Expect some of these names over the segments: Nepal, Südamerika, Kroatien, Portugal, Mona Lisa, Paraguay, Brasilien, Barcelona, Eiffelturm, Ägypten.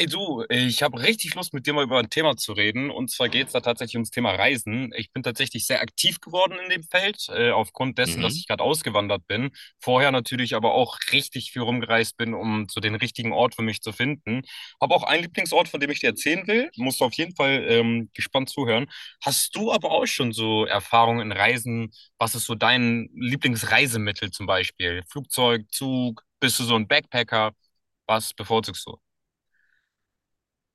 Hey du, ich habe richtig Lust, mit dir mal über ein Thema zu reden. Und zwar geht es da tatsächlich ums Thema Reisen. Ich bin tatsächlich sehr aktiv geworden in dem Feld, aufgrund dessen, dass Mhm. ich gerade ausgewandert bin. Vorher natürlich aber auch richtig viel rumgereist bin, um so den richtigen Ort für mich zu finden. Habe auch einen Lieblingsort, von dem ich dir erzählen will. Musst du auf jeden Fall gespannt zuhören. Hast du aber auch schon so Erfahrungen in Reisen? Was ist so dein Lieblingsreisemittel zum Beispiel? Flugzeug, Zug? Bist du so ein Backpacker? Was bevorzugst du?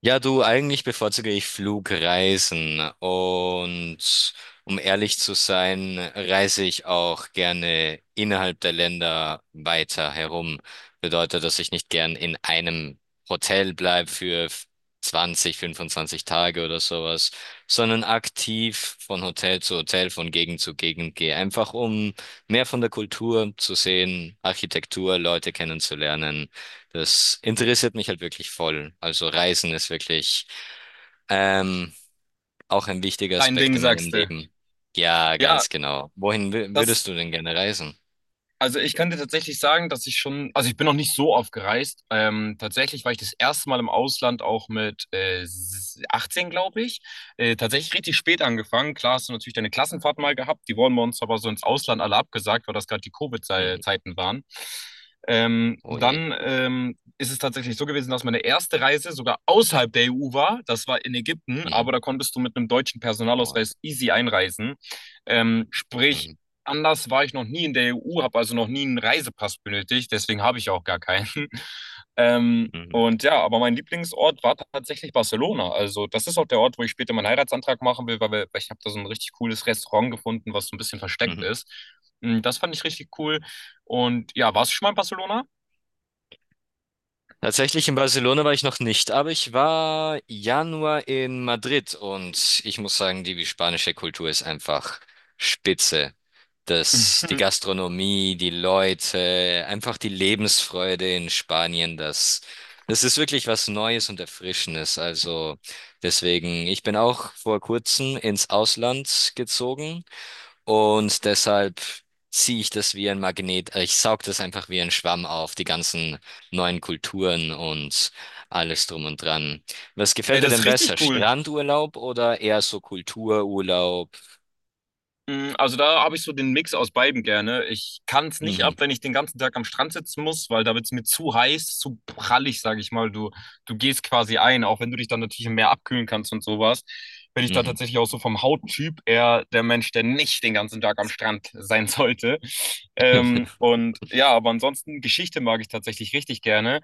Ja, du, eigentlich bevorzuge ich Flugreisen und, um ehrlich zu sein, reise ich auch gerne innerhalb der Länder weiter herum. Bedeutet, dass ich nicht gern in einem Hotel bleibe für 20, 25 Tage oder sowas, sondern aktiv von Hotel zu Hotel, von Gegend zu Gegend gehe, einfach um mehr von der Kultur zu sehen, Architektur, Leute kennenzulernen. Das interessiert mich halt wirklich voll. Also Reisen ist wirklich ähm, auch ein wichtiger Dein Ding, Aspekt in meinem sagst du. Leben. Ja, Ja, ganz genau. Wohin würdest das du denn gerne reisen? also ich kann dir tatsächlich sagen, dass ich schon, also ich bin noch nicht so oft gereist. Tatsächlich war ich das erste Mal im Ausland auch mit 18, glaube ich. Tatsächlich richtig spät angefangen. Klar hast du natürlich deine Klassenfahrt mal gehabt. Die wurden bei uns aber so ins Ausland alle abgesagt, weil das gerade die Mhm. Covid-Zeiten waren. Ähm, Oh je. dann ähm, ist es tatsächlich so gewesen, dass meine erste Reise sogar außerhalb der EU war. Das war in Ägypten, aber Mhm. da konntest du mit einem deutschen Oh. Personalausweis easy einreisen. Sprich, Mhm. anders war ich noch nie in der EU, habe also noch nie einen Reisepass benötigt, deswegen habe ich auch gar keinen. Mhm. Und ja, aber mein Lieblingsort war tatsächlich Barcelona. Also das ist auch der Ort, wo ich später meinen Heiratsantrag machen will, weil ich habe da so ein richtig cooles Restaurant gefunden, was so ein bisschen versteckt Mhm. ist. Das fand ich richtig cool. Und ja, warst du schon mal in Barcelona? Tatsächlich in Barcelona war ich noch nicht, aber ich war Januar in Madrid, und ich muss sagen, die spanische Kultur ist einfach spitze. Das, die Gastronomie, die Leute, einfach die Lebensfreude in Spanien, das ist wirklich was Neues und Erfrischendes. Also deswegen, ich bin auch vor kurzem ins Ausland gezogen, und deshalb ziehe ich das wie ein Magnet, ich saug das einfach wie ein Schwamm auf, die ganzen neuen Kulturen und alles drum und dran. Was Hey, gefällt dir das ist denn besser, richtig cool. Strandurlaub oder eher so Kultururlaub? Also da habe ich so den Mix aus beidem gerne. Ich kann es nicht ab, Mhm, wenn ich den ganzen Tag am Strand sitzen muss, weil da wird es mir zu heiß, zu prallig, sage ich mal. Du gehst quasi ein, auch wenn du dich dann natürlich im Meer abkühlen kannst und sowas. Bin ich da mhm. tatsächlich auch so vom Hauttyp eher der Mensch, der nicht den ganzen Tag am Strand sein sollte. Und ja, aber ansonsten Geschichte mag ich tatsächlich richtig gerne.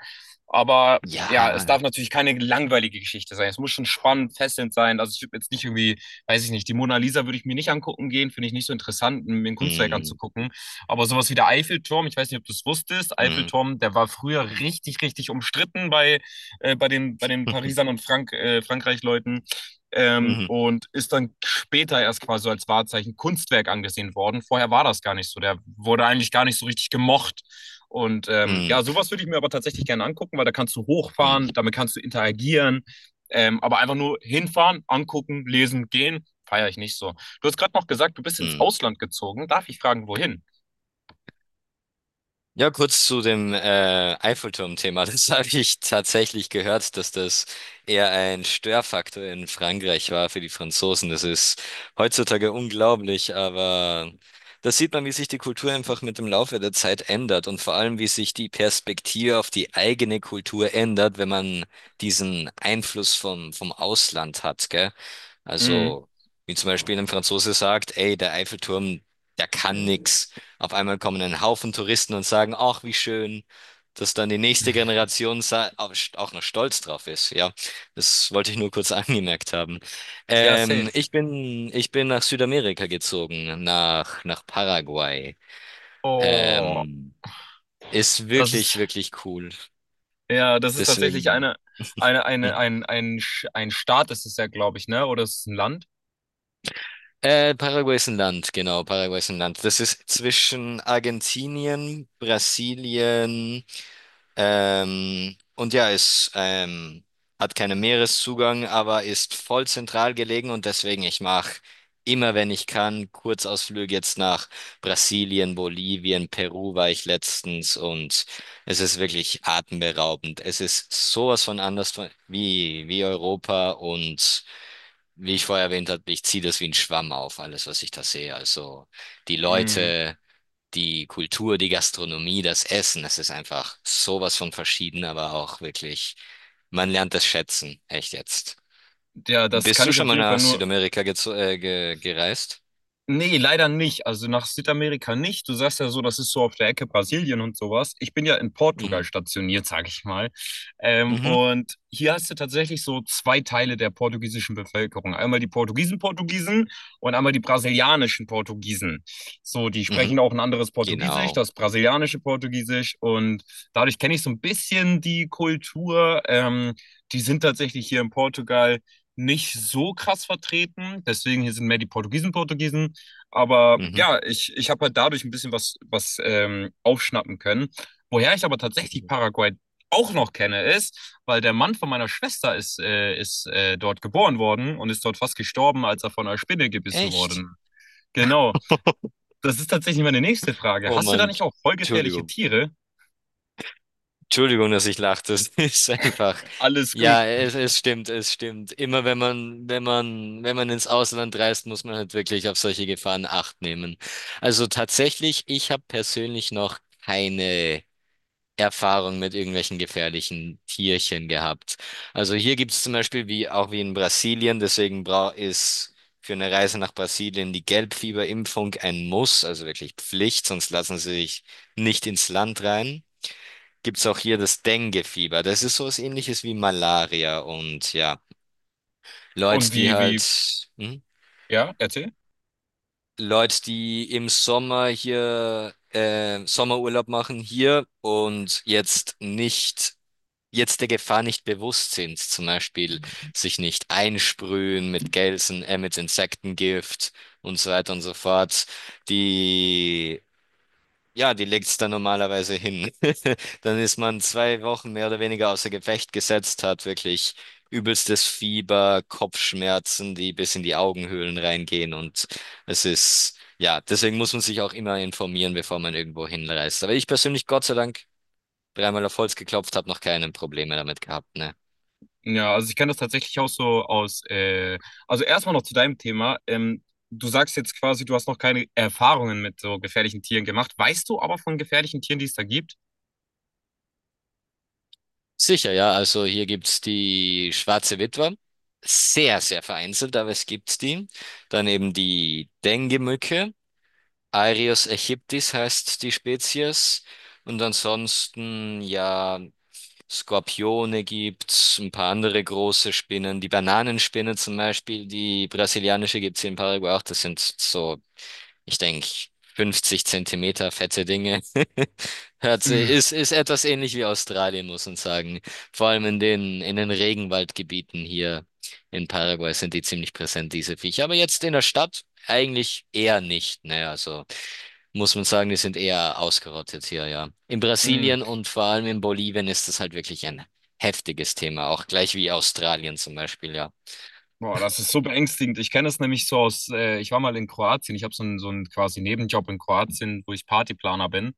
Aber ja, es Ja. darf natürlich keine langweilige Geschichte sein. Es muss schon spannend, fesselnd sein. Also ich würde jetzt nicht irgendwie weiß ich nicht, die Mona Lisa würde ich mir nicht angucken gehen, finde ich nicht so interessant, mir ein Kunstwerk Mhm, anzugucken. Aber sowas wie der Eiffelturm, ich weiß nicht, ob du es wusstest, mhm, Eiffelturm, der war früher richtig, richtig umstritten bei den Parisern und Frankreich-Leuten. Mhm, Und ist dann später erst quasi so als Wahrzeichen Kunstwerk angesehen worden. Vorher war das gar nicht so. Der wurde eigentlich gar nicht so richtig gemocht. Und ja, mhm, sowas würde ich mir aber tatsächlich gerne angucken, weil da kannst du hochfahren, mhm, damit kannst du interagieren, aber einfach nur hinfahren, angucken, lesen, gehen, feiere ich nicht so. Du hast gerade noch gesagt, du bist ins mhm. Ausland gezogen. Darf ich fragen, wohin? Ja, kurz zu dem Eiffelturm-Thema. Das habe ich tatsächlich gehört, dass das eher ein Störfaktor in Frankreich war für die Franzosen. Das ist heutzutage unglaublich, aber das sieht man, wie sich die Kultur einfach mit dem Laufe der Zeit ändert und vor allem, wie sich die Perspektive auf die eigene Kultur ändert, wenn man diesen Einfluss vom Ausland hat, gell? Mhm. Also, wie zum Beispiel ein Franzose sagt, ey, der Eiffelturm, der kann nix. Auf einmal kommen ein Haufen Touristen und sagen, ach, wie schön, dass dann die nächste Generation auch noch stolz drauf ist. Ja, das wollte ich nur kurz angemerkt haben. Ja, Ähm, safe. ich bin, ich bin nach Südamerika gezogen, nach Paraguay. Oh, Ähm, Ist das wirklich, ist, wirklich cool. ja, das ist tatsächlich Deswegen. Eine, Hm. Ein, Sch- ein Staat ist es ja, glaube ich, ne? Oder ist es ein Land? Paraguay ist ein Land, genau, Paraguay ist ein Land. Das ist zwischen Argentinien, Brasilien. Es hat keinen Meereszugang, aber ist voll zentral gelegen, und deswegen ich mache immer, wenn ich kann, Kurzausflüge jetzt nach Brasilien, Bolivien, Peru war ich letztens, und es ist wirklich atemberaubend. Es ist sowas von anders von, wie Europa, und wie ich vorher erwähnt habe, ich ziehe das wie ein Schwamm auf, alles, was ich da sehe. Also die Mhm. Leute, die Kultur, die Gastronomie, das Essen, es ist einfach sowas von verschieden, aber auch wirklich, man lernt es schätzen, echt jetzt. Ja, das Bist kann du ich schon auf mal jeden Fall nach nur, Südamerika gezo- ge gereist? Nee, leider nicht. Also nach Südamerika nicht. Du sagst ja so, das ist so auf der Ecke Brasilien und sowas. Ich bin ja in Portugal Mhm. stationiert, sage ich mal. Mhm. Und hier hast du tatsächlich so zwei Teile der portugiesischen Bevölkerung. Einmal die Portugiesen Portugiesen und einmal die brasilianischen Portugiesen. So, die sprechen Mhm. auch ein anderes Portugiesisch, Genau. das brasilianische Portugiesisch. Und dadurch kenne ich so ein bisschen die Kultur. Die sind tatsächlich hier in Portugal nicht so krass vertreten. Deswegen hier sind mehr die Portugiesen Portugiesen. Aber Mhm. ja, ich habe halt dadurch ein bisschen was, aufschnappen können. Woher ich aber tatsächlich Mhm. Paraguay auch noch kenne, ist, weil der Mann von meiner Schwester ist, ist dort geboren worden und ist dort fast gestorben, als er von einer Spinne gebissen Echt? wurde. Genau. Das ist tatsächlich meine nächste Frage. Oh Hast du da Mann, nicht auch voll gefährliche Entschuldigung. Tiere? Entschuldigung, dass ich lachte. Es ist einfach. Alles Ja, gut. es stimmt, es stimmt. Immer wenn man ins Ausland reist, muss man halt wirklich auf solche Gefahren Acht nehmen. Also tatsächlich, ich habe persönlich noch keine Erfahrung mit irgendwelchen gefährlichen Tierchen gehabt. Also hier gibt es zum Beispiel, wie auch wie in Brasilien, deswegen, bra ist für eine Reise nach Brasilien die Gelbfieberimpfung ein Muss, also wirklich Pflicht, sonst lassen sie sich nicht ins Land rein. Gibt's auch hier das Dengue-Fieber. Das ist so was Ähnliches wie Malaria. Und ja, Leute, Und die wie, wie, halt, hm? ja, erzähl. Leute, die im Sommer hier Sommerurlaub machen hier und jetzt der Gefahr nicht bewusst sind, zum Beispiel sich nicht einsprühen mit Gelsen, mit Insektengift und so weiter und so fort, die Ja, die legt's dann normalerweise hin. Dann ist man 2 Wochen mehr oder weniger außer Gefecht gesetzt, hat wirklich übelstes Fieber, Kopfschmerzen, die bis in die Augenhöhlen reingehen, und es ist, ja, deswegen muss man sich auch immer informieren, bevor man irgendwo hinreist. Aber ich persönlich, Gott sei Dank, dreimal auf Holz geklopft, habe noch keine Probleme damit gehabt, ne? Ja, also ich kenne das tatsächlich auch so aus. Also erstmal noch zu deinem Thema. Du sagst jetzt quasi, du hast noch keine Erfahrungen mit so gefährlichen Tieren gemacht. Weißt du aber von gefährlichen Tieren, die es da gibt? Sicher, ja, also hier gibt's die Schwarze Witwe. Sehr, sehr vereinzelt, aber es gibt die. Dann eben die Dengue-Mücke. Aereus aegyptis heißt die Spezies. Und ansonsten, ja, Skorpione gibt's, ein paar andere große Spinnen. Die Bananenspinne zum Beispiel, die brasilianische, gibt's hier in Paraguay auch. Das sind so, ich denke, 50 Zentimeter fette Dinge. Ist etwas ähnlich wie Australien, muss man sagen. Vor allem in den, Regenwaldgebieten hier in Paraguay sind die ziemlich präsent, diese Viecher. Aber jetzt in der Stadt eigentlich eher nicht. Naja, also muss man sagen, die sind eher ausgerottet hier, ja. In Brasilien und vor allem in Bolivien ist das halt wirklich ein heftiges Thema, auch gleich wie Australien zum Beispiel, ja. Boah, das ist so beängstigend. Ich kenne es nämlich so aus, ich war mal in Kroatien, ich habe so einen quasi Nebenjob in Kroatien, wo ich Partyplaner bin.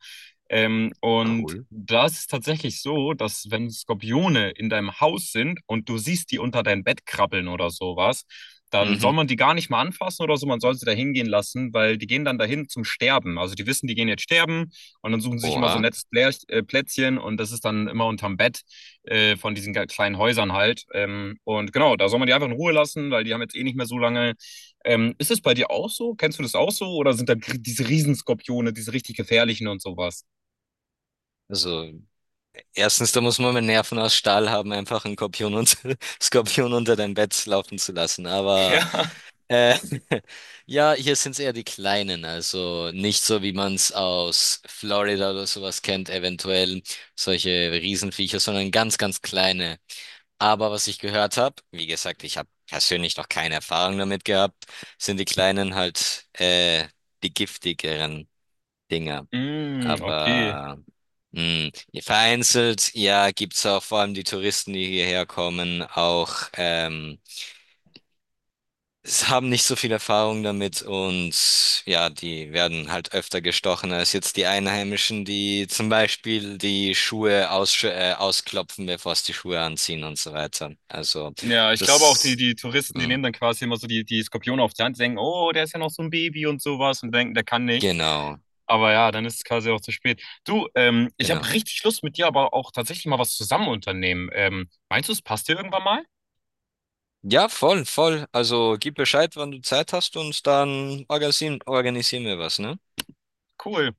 Und da ist es tatsächlich so, dass wenn Skorpione in deinem Haus sind und du siehst die unter dein Bett krabbeln oder sowas, dann soll Mhm. man die gar nicht mal anfassen oder so, man soll sie da hingehen lassen, weil die gehen dann dahin zum Sterben. Also die wissen, die gehen jetzt sterben und dann suchen sie sich immer so ein Oha. nettes Plätzchen und das ist dann immer unterm Bett von diesen kleinen Häusern halt. Und genau, da soll man die einfach in Ruhe lassen, weil die haben jetzt eh nicht mehr so lange. Ist es bei dir auch so? Kennst du das auch so? Oder sind da gr- diese Riesenskorpione, diese richtig gefährlichen und sowas? Also erstens, da muss man mit Nerven aus Stahl haben, einfach einen Skorpion, und, Skorpion unter dein Bett laufen zu lassen. Aber äh, ja, hier sind es eher die Kleinen, also nicht so, wie man es aus Florida oder sowas kennt, eventuell solche Riesenviecher, sondern ganz, ganz kleine. Aber was ich gehört habe, wie gesagt, ich habe persönlich noch keine Erfahrung damit gehabt, sind die kleinen halt die giftigeren Dinger. Ja. Mm, okay. Aber mh, vereinzelt, ja, gibt's auch vor allem die Touristen, die hierher kommen, auch es haben nicht so viel Erfahrung damit, und ja, die werden halt öfter gestochen als jetzt die Einheimischen, die zum Beispiel die Schuhe ausklopfen, bevor es die Schuhe anziehen und so weiter. Also Ja, ich glaube auch, die, das die Touristen, die nehmen hm, dann quasi immer so die Skorpione auf die Hand, denken, oh, der ist ja noch so ein Baby und sowas und denken, der kann nichts. genau, Aber ja, dann ist es quasi auch zu spät. Du, ich habe genau. richtig Lust mit dir, aber auch tatsächlich mal was zusammen unternehmen. Meinst du, es passt dir irgendwann mal? Ja, voll, voll. Also gib Bescheid, wann du Zeit hast, und dann organisieren wir was, ne? Cool.